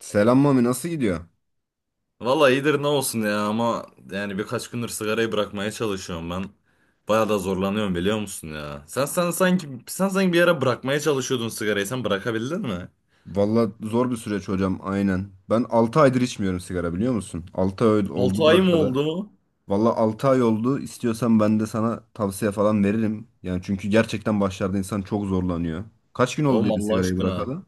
Selam Mami, nasıl gidiyor? Valla iyidir, ne olsun ya, ama yani birkaç gündür sigarayı bırakmaya çalışıyorum ben. Baya da zorlanıyorum, biliyor musun ya? Sen sanki bir ara bırakmaya çalışıyordun sigarayı. Sen bırakabildin mi? Valla zor bir süreç hocam, aynen. Ben 6 aydır içmiyorum sigara, biliyor musun? 6 ay 6 oldu ay mı bırakalı. oldu? Valla 6 ay oldu. İstiyorsan ben de sana tavsiye falan veririm. Yani çünkü gerçekten başlarda insan çok zorlanıyor. Kaç gün oldu Oğlum dedin Allah sigarayı aşkına. bırakalı?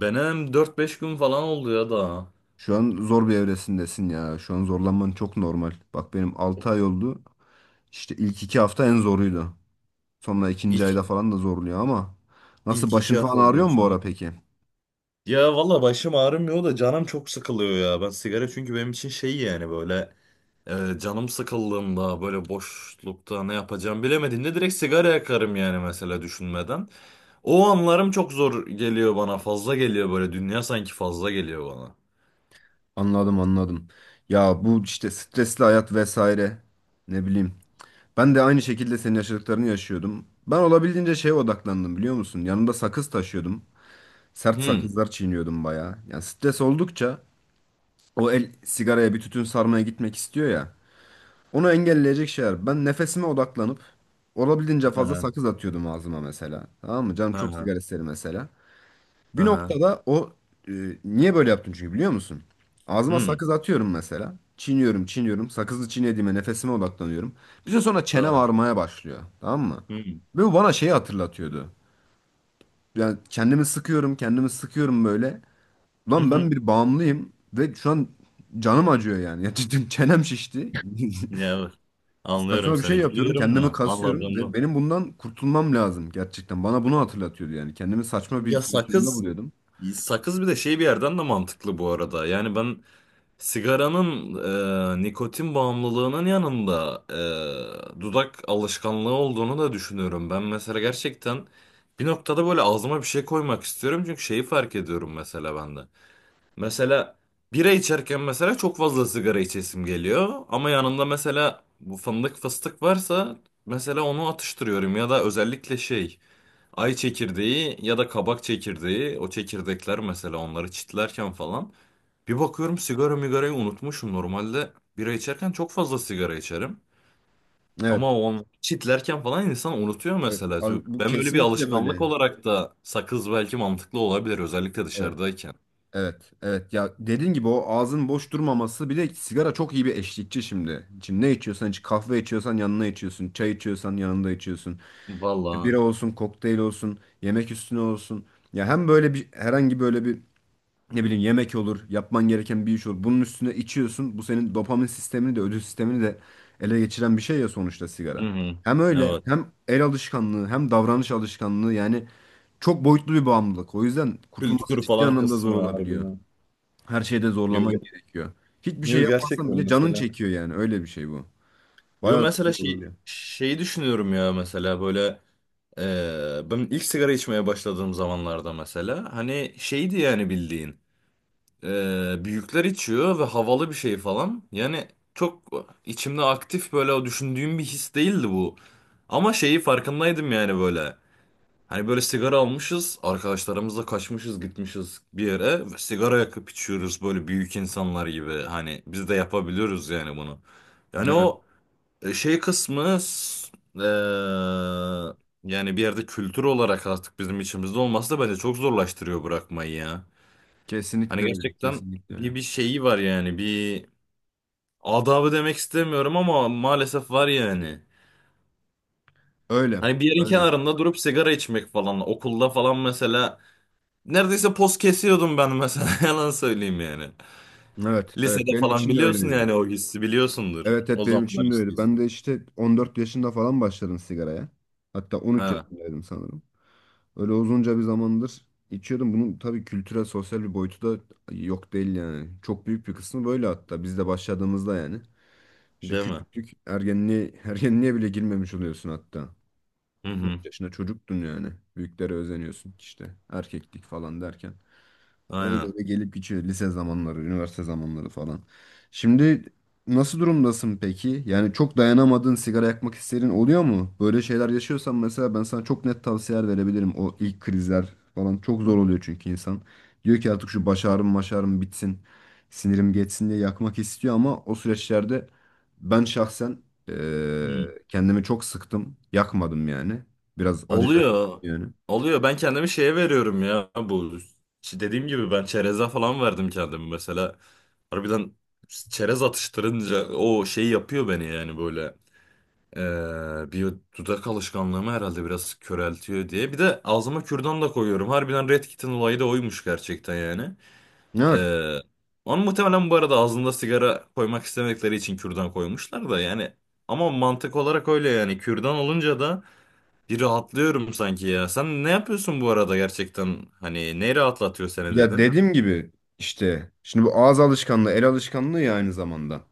Benim dört beş gün falan oldu ya da. Şu an zor bir evresindesin ya. Şu an zorlanman çok normal. Bak benim 6 ay oldu. İşte ilk 2 hafta en zoruydu. Sonra ikinci İlk ayda falan da zorluyor ama. Nasıl, ilk başın iki falan hafta ağrıyor mu bu diyorsun ya. ara peki? Ya valla başım ağrımıyor da canım çok sıkılıyor ya. Ben sigara, çünkü benim için şey, yani böyle... Canım sıkıldığında böyle boşlukta ne yapacağım bilemediğimde direkt sigara yakarım, yani mesela düşünmeden. O anlarım çok zor geliyor bana, fazla geliyor, böyle dünya sanki fazla geliyor bana. Anladım, anladım. Ya bu işte stresli hayat vesaire, ne bileyim. Ben de aynı şekilde senin yaşadıklarını yaşıyordum. Ben olabildiğince şeye odaklandım, biliyor musun? Yanımda sakız taşıyordum. Sert Hmm. sakızlar çiğniyordum bayağı. Yani stres oldukça o el sigaraya, bir tütün sarmaya gitmek istiyor ya. Onu engelleyecek şeyler. Ben nefesime odaklanıp olabildiğince Hı fazla hı, sakız atıyordum ağzıma mesela. Tamam mı? Canım hı çok hı. sigara istedi mesela. Bir Hı. noktada o e, niye böyle yaptım çünkü, biliyor musun? Ağzıma Hmm. sakız atıyorum mesela. Çiğniyorum, çiğniyorum. Sakızı çiğnediğime nefesime odaklanıyorum. Bir süre sonra çene Tamam. varmaya başlıyor. Tamam mı? Hmm. Ve bu bana şeyi hatırlatıyordu. Yani kendimi sıkıyorum, kendimi sıkıyorum böyle. Hı Lan ben hı. bir bağımlıyım ve şu an canım acıyor yani. Ya cidden çenem şişti. Ya evet. Anlıyorum Saçma bir şey seni, yapıyorum, gülüyorum kendimi da kasıyorum ve anladığımı. benim bundan kurtulmam lazım gerçekten. Bana bunu hatırlatıyordu yani. Kendimi saçma bir Ya pozisyonda sakız buluyordum. sakız bir de şey, bir yerden de mantıklı bu arada. Yani ben... Sigaranın... Nikotin bağımlılığının yanında dudak alışkanlığı olduğunu da düşünüyorum. Ben mesela gerçekten bir noktada böyle ağzıma bir şey koymak istiyorum. Çünkü şeyi fark ediyorum mesela bende. Mesela bira içerken mesela çok fazla sigara içesim geliyor. Ama yanında mesela bu fındık fıstık varsa mesela onu atıştırıyorum. Ya da özellikle şey... Ay çekirdeği ya da kabak çekirdeği, o çekirdekler mesela, onları çitlerken falan bir bakıyorum sigara migarayı unutmuşum. Normalde bira içerken çok fazla sigara içerim. Evet. Ama o çitlerken falan insan unutuyor Evet, mesela. abi, bu Ben böyle bir kesinlikle alışkanlık böyle. olarak da sakız belki mantıklı olabilir, özellikle Evet, dışarıdayken. evet, evet. Ya dediğin gibi o ağzın boş durmaması, bir de sigara çok iyi bir eşlikçi şimdi. Şimdi ne içiyorsan iç, kahve içiyorsan yanına içiyorsun, çay içiyorsan yanında içiyorsun. İşte Vallahi. bira olsun, kokteyl olsun, yemek üstüne olsun. Ya hem böyle bir herhangi böyle bir ne bileyim yemek olur, yapman gereken bir iş olur. Bunun üstüne içiyorsun. Bu senin dopamin sistemini de, ödül sistemini de ele geçiren bir şey ya sonuçta Hı sigara. hı. Hem öyle, Evet. hem el alışkanlığı, hem davranış alışkanlığı yani, çok boyutlu bir bağımlılık. O yüzden kurtulması Kültür ciddi falan anlamda zor kısmı olabiliyor. harbiden. Her şeyde Yo, zorlaman ge- gerekiyor. Hiçbir şey yo, yapmazsan gerçekten bile canın mesela. çekiyor yani. Öyle bir şey bu. Yo Bayağı mesela zor şey, olabiliyor. şeyi düşünüyorum ya, mesela böyle... Ben ilk sigara içmeye başladığım zamanlarda mesela hani şeydi yani, bildiğin büyükler içiyor ve havalı bir şey falan yani. Çok içimde aktif böyle o düşündüğüm bir his değildi bu, ama şeyi farkındaydım yani böyle, hani böyle sigara almışız arkadaşlarımızla, kaçmışız gitmişiz bir yere ve sigara yakıp içiyoruz böyle büyük insanlar gibi, hani biz de yapabiliyoruz yani bunu. Yani Evet, o şey kısmı, yani bir yerde kültür olarak artık bizim içimizde olması da bence çok zorlaştırıyor bırakmayı ya. Hani kesinlikle öyle. gerçekten Kesinlikle öyle. bir şeyi var yani, bir adabı demek istemiyorum ama maalesef var yani. Öyle. Hani bir yerin Öyle. kenarında durup sigara içmek falan, okulda falan mesela neredeyse poz kesiyordum ben mesela, yalan söyleyeyim yani. Evet, evet. Lisede Benim falan için de biliyorsun öyleydi. yani, o hissi biliyorsundur. Evet, O evet, benim zamanlar için de öyle. Ben de hissiysen. işte 14 yaşında falan başladım sigaraya. Hatta 13 Ha, yaşındaydım sanırım. Öyle uzunca bir zamandır içiyordum. Bunun tabii kültürel, sosyal bir boyutu da yok değil yani. Çok büyük bir kısmı böyle, hatta biz de başladığımızda yani. İşte değil mi? küçüklük, ergenliğe, ergenliğe bile girmemiş oluyorsun hatta. Hı hı. 13 yaşında çocuktun yani. Büyüklere özeniyorsun işte. Erkeklik falan derken. Öyle Aynen. öyle gelip geçiyor lise zamanları, üniversite zamanları falan. Şimdi nasıl durumdasın peki? Yani çok dayanamadığın, sigara yakmak isterin oluyor mu? Böyle şeyler yaşıyorsan mesela ben sana çok net tavsiyeler verebilirim. O ilk krizler falan çok zor oluyor çünkü insan. Diyor ki artık şu baş ağrım maş ağrım bitsin. Sinirim geçsin diye yakmak istiyor ama o süreçlerde ben şahsen kendimi çok sıktım. Yakmadım yani. Biraz acı da çektim Oluyor. yani. Oluyor. Ben kendimi şeye veriyorum ya, bu... Dediğim gibi ben çereze falan verdim kendimi mesela. Harbiden çerez atıştırınca o şey yapıyor beni yani böyle. Bir dudak alışkanlığımı herhalde biraz köreltiyor diye. Bir de ağzıma kürdan da koyuyorum. Harbiden Red Kit'in olayı da oymuş gerçekten yani. Evet. Ee, Onu muhtemelen bu arada ağzında sigara koymak istemedikleri için kürdan koymuşlar da yani. Ama mantık olarak öyle yani. Kürdan olunca da bir rahatlıyorum sanki ya. Sen ne yapıyorsun bu arada gerçekten? Hani ne rahatlatıyor seni Ya dedin? dediğim gibi işte şimdi bu ağız alışkanlığı, el alışkanlığı ya aynı zamanda.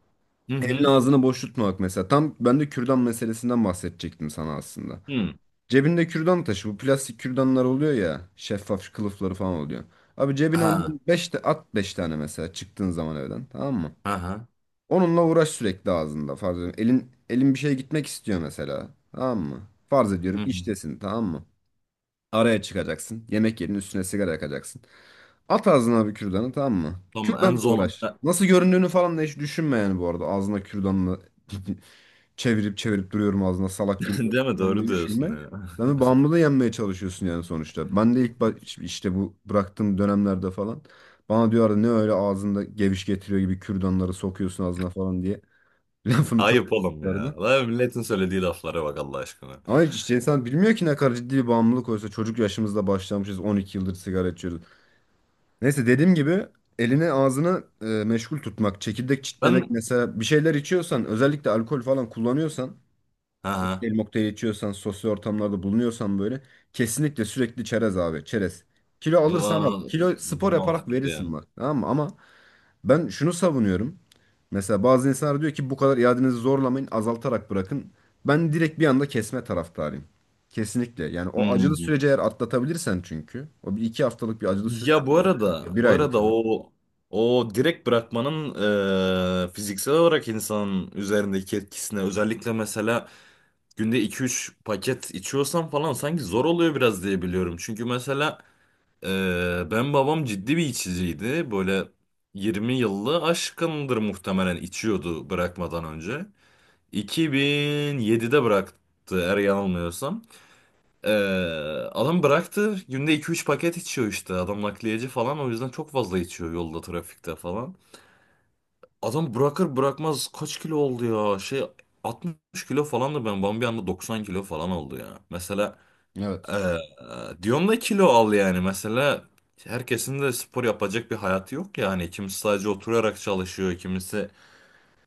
Hı Elin hı. ağzını boş tutmamak mesela. Tam ben de kürdan meselesinden bahsedecektim sana aslında. Hı. Cebinde kürdan taşı. Bu plastik kürdanlar oluyor ya. Şeffaf kılıfları falan oluyor. Abi cebine Ha. ondan 5 de at, 5 tane mesela, çıktığın zaman evden, tamam mı? Aha. Onunla uğraş sürekli ağzında, farz ediyorum. Elin bir şeye gitmek istiyor mesela. Tamam mı? Farz ediyorum Hı hı. iştesin, tamam mı? Araya çıkacaksın. Yemek yerinin üstüne sigara yakacaksın. At ağzına bir kürdanı, tamam mı? Tamam, en Kürdanla son uğraş. Nasıl göründüğünü falan da hiç düşünme yani bu arada. Ağzına kürdanla çevirip çevirip duruyorum ağzına salak gibi değil mi, falan diye doğru diyorsun düşünme. ya. Sen de bağımlılığı yenmeye çalışıyorsun yani sonuçta. Ben de işte bu bıraktığım dönemlerde falan bana diyorlardı ne öyle ağzında geviş getiriyor gibi kürdanları sokuyorsun ağzına falan diye. Lafını çok Ayıp oğlum ya. yapıyorlardı. Lan milletin söylediği laflara bak Allah aşkına. Ama hiç işte insan bilmiyor ki ne kadar ciddi bir bağımlılık, oysa çocuk yaşımızda başlamışız, 12 yıldır sigara içiyoruz. Neyse, dediğim gibi elini ağzını meşgul tutmak, çekirdek çitlemek Ben... mesela, bir şeyler içiyorsan, özellikle alkol falan kullanıyorsan, Aha. kokteyl mokteyl içiyorsan, sosyal ortamlarda bulunuyorsan böyle, kesinlikle sürekli çerez abi, çerez. Kilo alırsan al. Va- Kilo spor yaparak Mantıklı verirsin yani. bak, tamam mı? Ama ben şunu savunuyorum. Mesela bazı insanlar diyor ki bu kadar iadenizi zorlamayın, azaltarak bırakın. Ben direkt bir anda kesme taraftarıyım. Kesinlikle. Yani o acılı Hmm. süreci eğer atlatabilirsen çünkü. O bir iki haftalık bir acılı süreç Ya bu oluyor. arada Bir bu aylık arada falan. o direkt bırakmanın fiziksel olarak insanın üzerindeki etkisine, özellikle mesela günde iki üç paket içiyorsam falan sanki zor oluyor biraz diye biliyorum. Çünkü mesela e, ben, babam ciddi bir içiciydi. Böyle 20 yıllı aşkındır muhtemelen içiyordu bırakmadan önce. 2007'de bıraktı eğer yanılmıyorsam. E, Adam bıraktı, günde iki üç paket içiyor işte. Adam nakliyeci falan, o yüzden çok fazla içiyor, yolda trafikte falan. Adam bırakır bırakmaz kaç kilo oldu ya, şey, 60 kilo falandı ben. Bambi anda 90 kilo falan oldu ya. Mesela Evet. ee, diyorum da, kilo al yani mesela, herkesin de spor yapacak bir hayatı yok yani, kimisi sadece oturarak çalışıyor, kimisi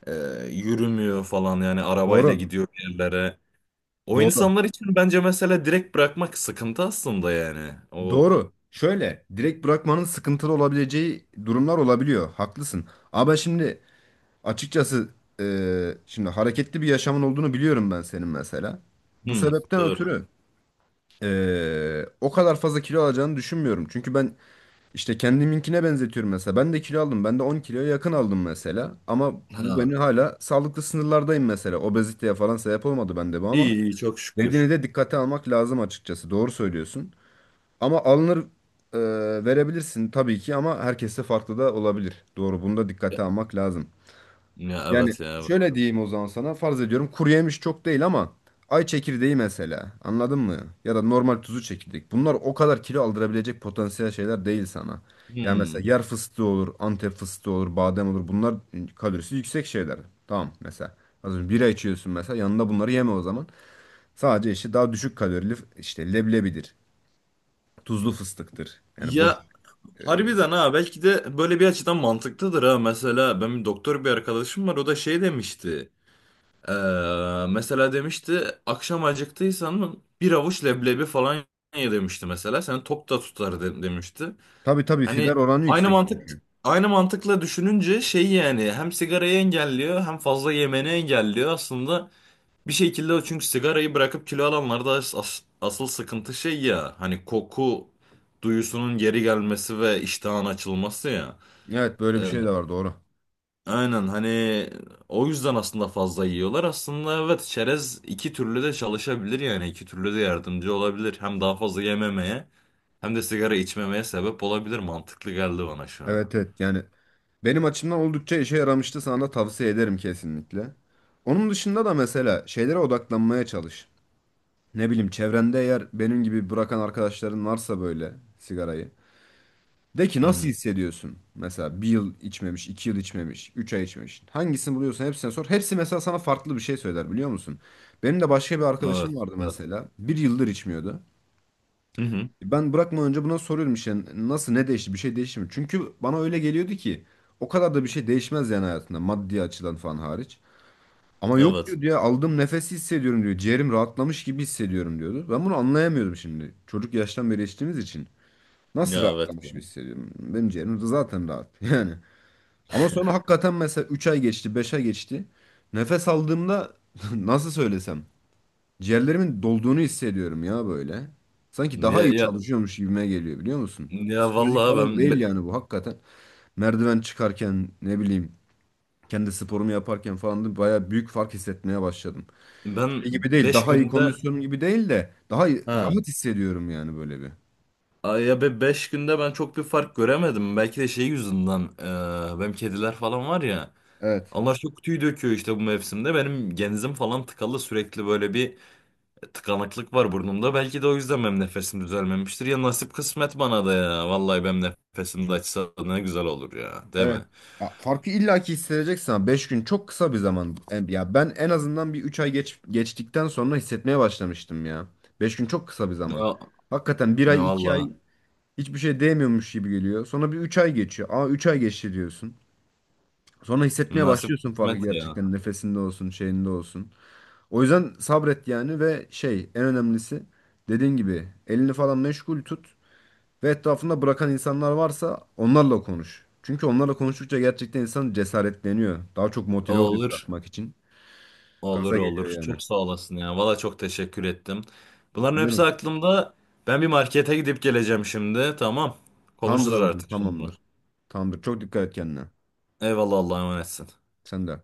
e, yürümüyor falan yani, arabayla Doğru. gidiyor bir yerlere. O Doğru. insanlar için bence mesela direkt bırakmak sıkıntı aslında yani. O, Doğru. Şöyle, direkt bırakmanın sıkıntılı olabileceği durumlar olabiliyor. Haklısın. Ama şimdi açıkçası şimdi hareketli bir yaşamın olduğunu biliyorum ben senin mesela. Bu hmm, sebepten doğru. ötürü o kadar fazla kilo alacağını düşünmüyorum. Çünkü ben işte kendiminkine benzetiyorum mesela. Ben de kilo aldım. Ben de 10 kiloya yakın aldım mesela. Ama bu beni, Ha, hala sağlıklı sınırlardayım mesela. Obeziteye falan sebep olmadı bende bu ama. iyi iyi, çok şükür. Dediğini de dikkate almak lazım açıkçası. Doğru söylüyorsun. Ama alınır, e, verebilirsin tabii ki, ama herkeste farklı da olabilir. Doğru, bunu da dikkate almak lazım. Ya Yani evet, ya evet. şöyle Evet. diyeyim o zaman sana, farz ediyorum kuru yemiş çok değil, ama ay çekirdeği mesela, anladın mı? Ya da normal tuzlu çekirdek. Bunlar o kadar kilo aldırabilecek potansiyel şeyler değil sana. Yani mesela Hmm. yer fıstığı olur, Antep fıstığı olur, badem olur. Bunlar kalorisi yüksek şeyler. Tamam mesela. Az önce bira içiyorsun mesela, yanında bunları yeme o zaman. Sadece işte daha düşük kalorili, işte leblebidir. Tuzlu fıstıktır. Yani boş. Ya E, harbiden ha, belki de böyle bir açıdan mantıklıdır ha. Mesela benim doktor bir arkadaşım var, o da şey demişti. Mesela demişti akşam acıktıysan mı bir avuç leblebi falan ye, demişti mesela. Seni tok da tutar, demişti. tabii tabii, Hani fiber oranı aynı yüksek mantık çünkü. aynı mantıkla düşününce şey yani, hem sigarayı engelliyor hem fazla yemeni engelliyor aslında bir şekilde o, çünkü sigarayı bırakıp kilo alanlarda asıl sıkıntı şey ya, hani koku duyusunun geri gelmesi ve iştahın açılması ya. Evet, böyle bir Ee, şey de var, doğru. Aynen, hani o yüzden aslında fazla yiyorlar. Aslında evet, çerez iki türlü de çalışabilir yani, iki türlü de yardımcı olabilir. Hem daha fazla yememeye hem de sigara içmemeye sebep olabilir. Mantıklı geldi bana şu an. Evet evet, yani benim açımdan oldukça işe yaramıştı, sana da tavsiye ederim kesinlikle. Onun dışında da mesela şeylere odaklanmaya çalış. Ne bileyim, çevrende eğer benim gibi bırakan arkadaşların varsa böyle sigarayı. De ki Hı nasıl hı. hissediyorsun? Mesela bir yıl içmemiş, 2 yıl içmemiş, 3 ay içmemiş. Hangisini buluyorsan hepsine sor. Hepsi mesela sana farklı bir şey söyler, biliyor musun? Benim de başka bir Evet. arkadaşım vardı Evet. mesela. Bir yıldır içmiyordu. Hı hı. Ben bırakmadan önce buna soruyorum işte, nasıl, ne değişti, bir şey değişti mi? Çünkü bana öyle geliyordu ki o kadar da bir şey değişmez yani hayatında, maddi açıdan falan hariç. Ama yok Evet. diyor ya, aldığım nefesi hissediyorum diyor. Ciğerim rahatlamış gibi hissediyorum diyordu. Ben bunu anlayamıyordum şimdi. Çocuk yaştan beri içtiğimiz için. Ya Nasıl evet. rahatlamış gibi hissediyorum? Benim ciğerim de zaten rahat yani. Ama sonra hakikaten mesela 3 ay geçti, 5 ay geçti. Nefes aldığımda nasıl söylesem, ciğerlerimin dolduğunu hissediyorum ya böyle. Sanki daha Ya iyi ya çalışıyormuş gibime geliyor, biliyor musun? ya Psikolojik vallahi falan değil yani bu, hakikaten. Merdiven çıkarken ne bileyim, kendi sporumu yaparken falan da bayağı büyük fark hissetmeye başladım. ben Şey gibi değil, 5 daha iyi günde, kondisyonum gibi değil de, ha... rahat hissediyorum yani böyle bir. Ay ya, be beş günde ben çok bir fark göremedim. Belki de şey yüzünden, benim kediler falan var ya. Evet, Allah şu kutuyu döküyor işte bu mevsimde. Benim genzim falan tıkalı sürekli, böyle bir tıkanıklık var burnumda. Belki de o yüzden benim nefesim düzelmemiştir. Ya nasip kısmet bana da ya. Vallahi benim nefesim de açsa ne güzel olur ya. Değil evet. mi? Ya farkı illaki hissedeceksin, ama 5 gün çok kısa bir zaman. Ya ben en azından bir 3 ay geçtikten sonra hissetmeye başlamıştım ya. 5 gün çok kısa bir Ne, zaman. Hakikaten bir ne ay, iki ay valla, hiçbir şey değmiyormuş gibi geliyor. Sonra bir 3 ay geçiyor. Aa, 3 ay geçti diyorsun. Sonra hissetmeye nasip başlıyorsun farkı kısmet ya. gerçekten. Nefesinde olsun, şeyinde olsun. O yüzden sabret yani, ve şey en önemlisi, dediğin gibi elini falan meşgul tut ve etrafında bırakan insanlar varsa onlarla konuş. Çünkü onlarla konuştukça gerçekten insan cesaretleniyor. Daha çok motive oluyor Olur. bırakmak için. Olur, Gaza geliyor olur. yani. Çok sağ olasın ya. Valla çok teşekkür ettim. Bunların Güzel hepsi mi? aklımda. Ben bir markete gidip geleceğim şimdi. Tamam. Tamamdır Konuşuruz abicim, artık sonra. tamamdır. Tamamdır. Çok dikkat et kendine. Eyvallah, Allah'a emanetsin. Sen de.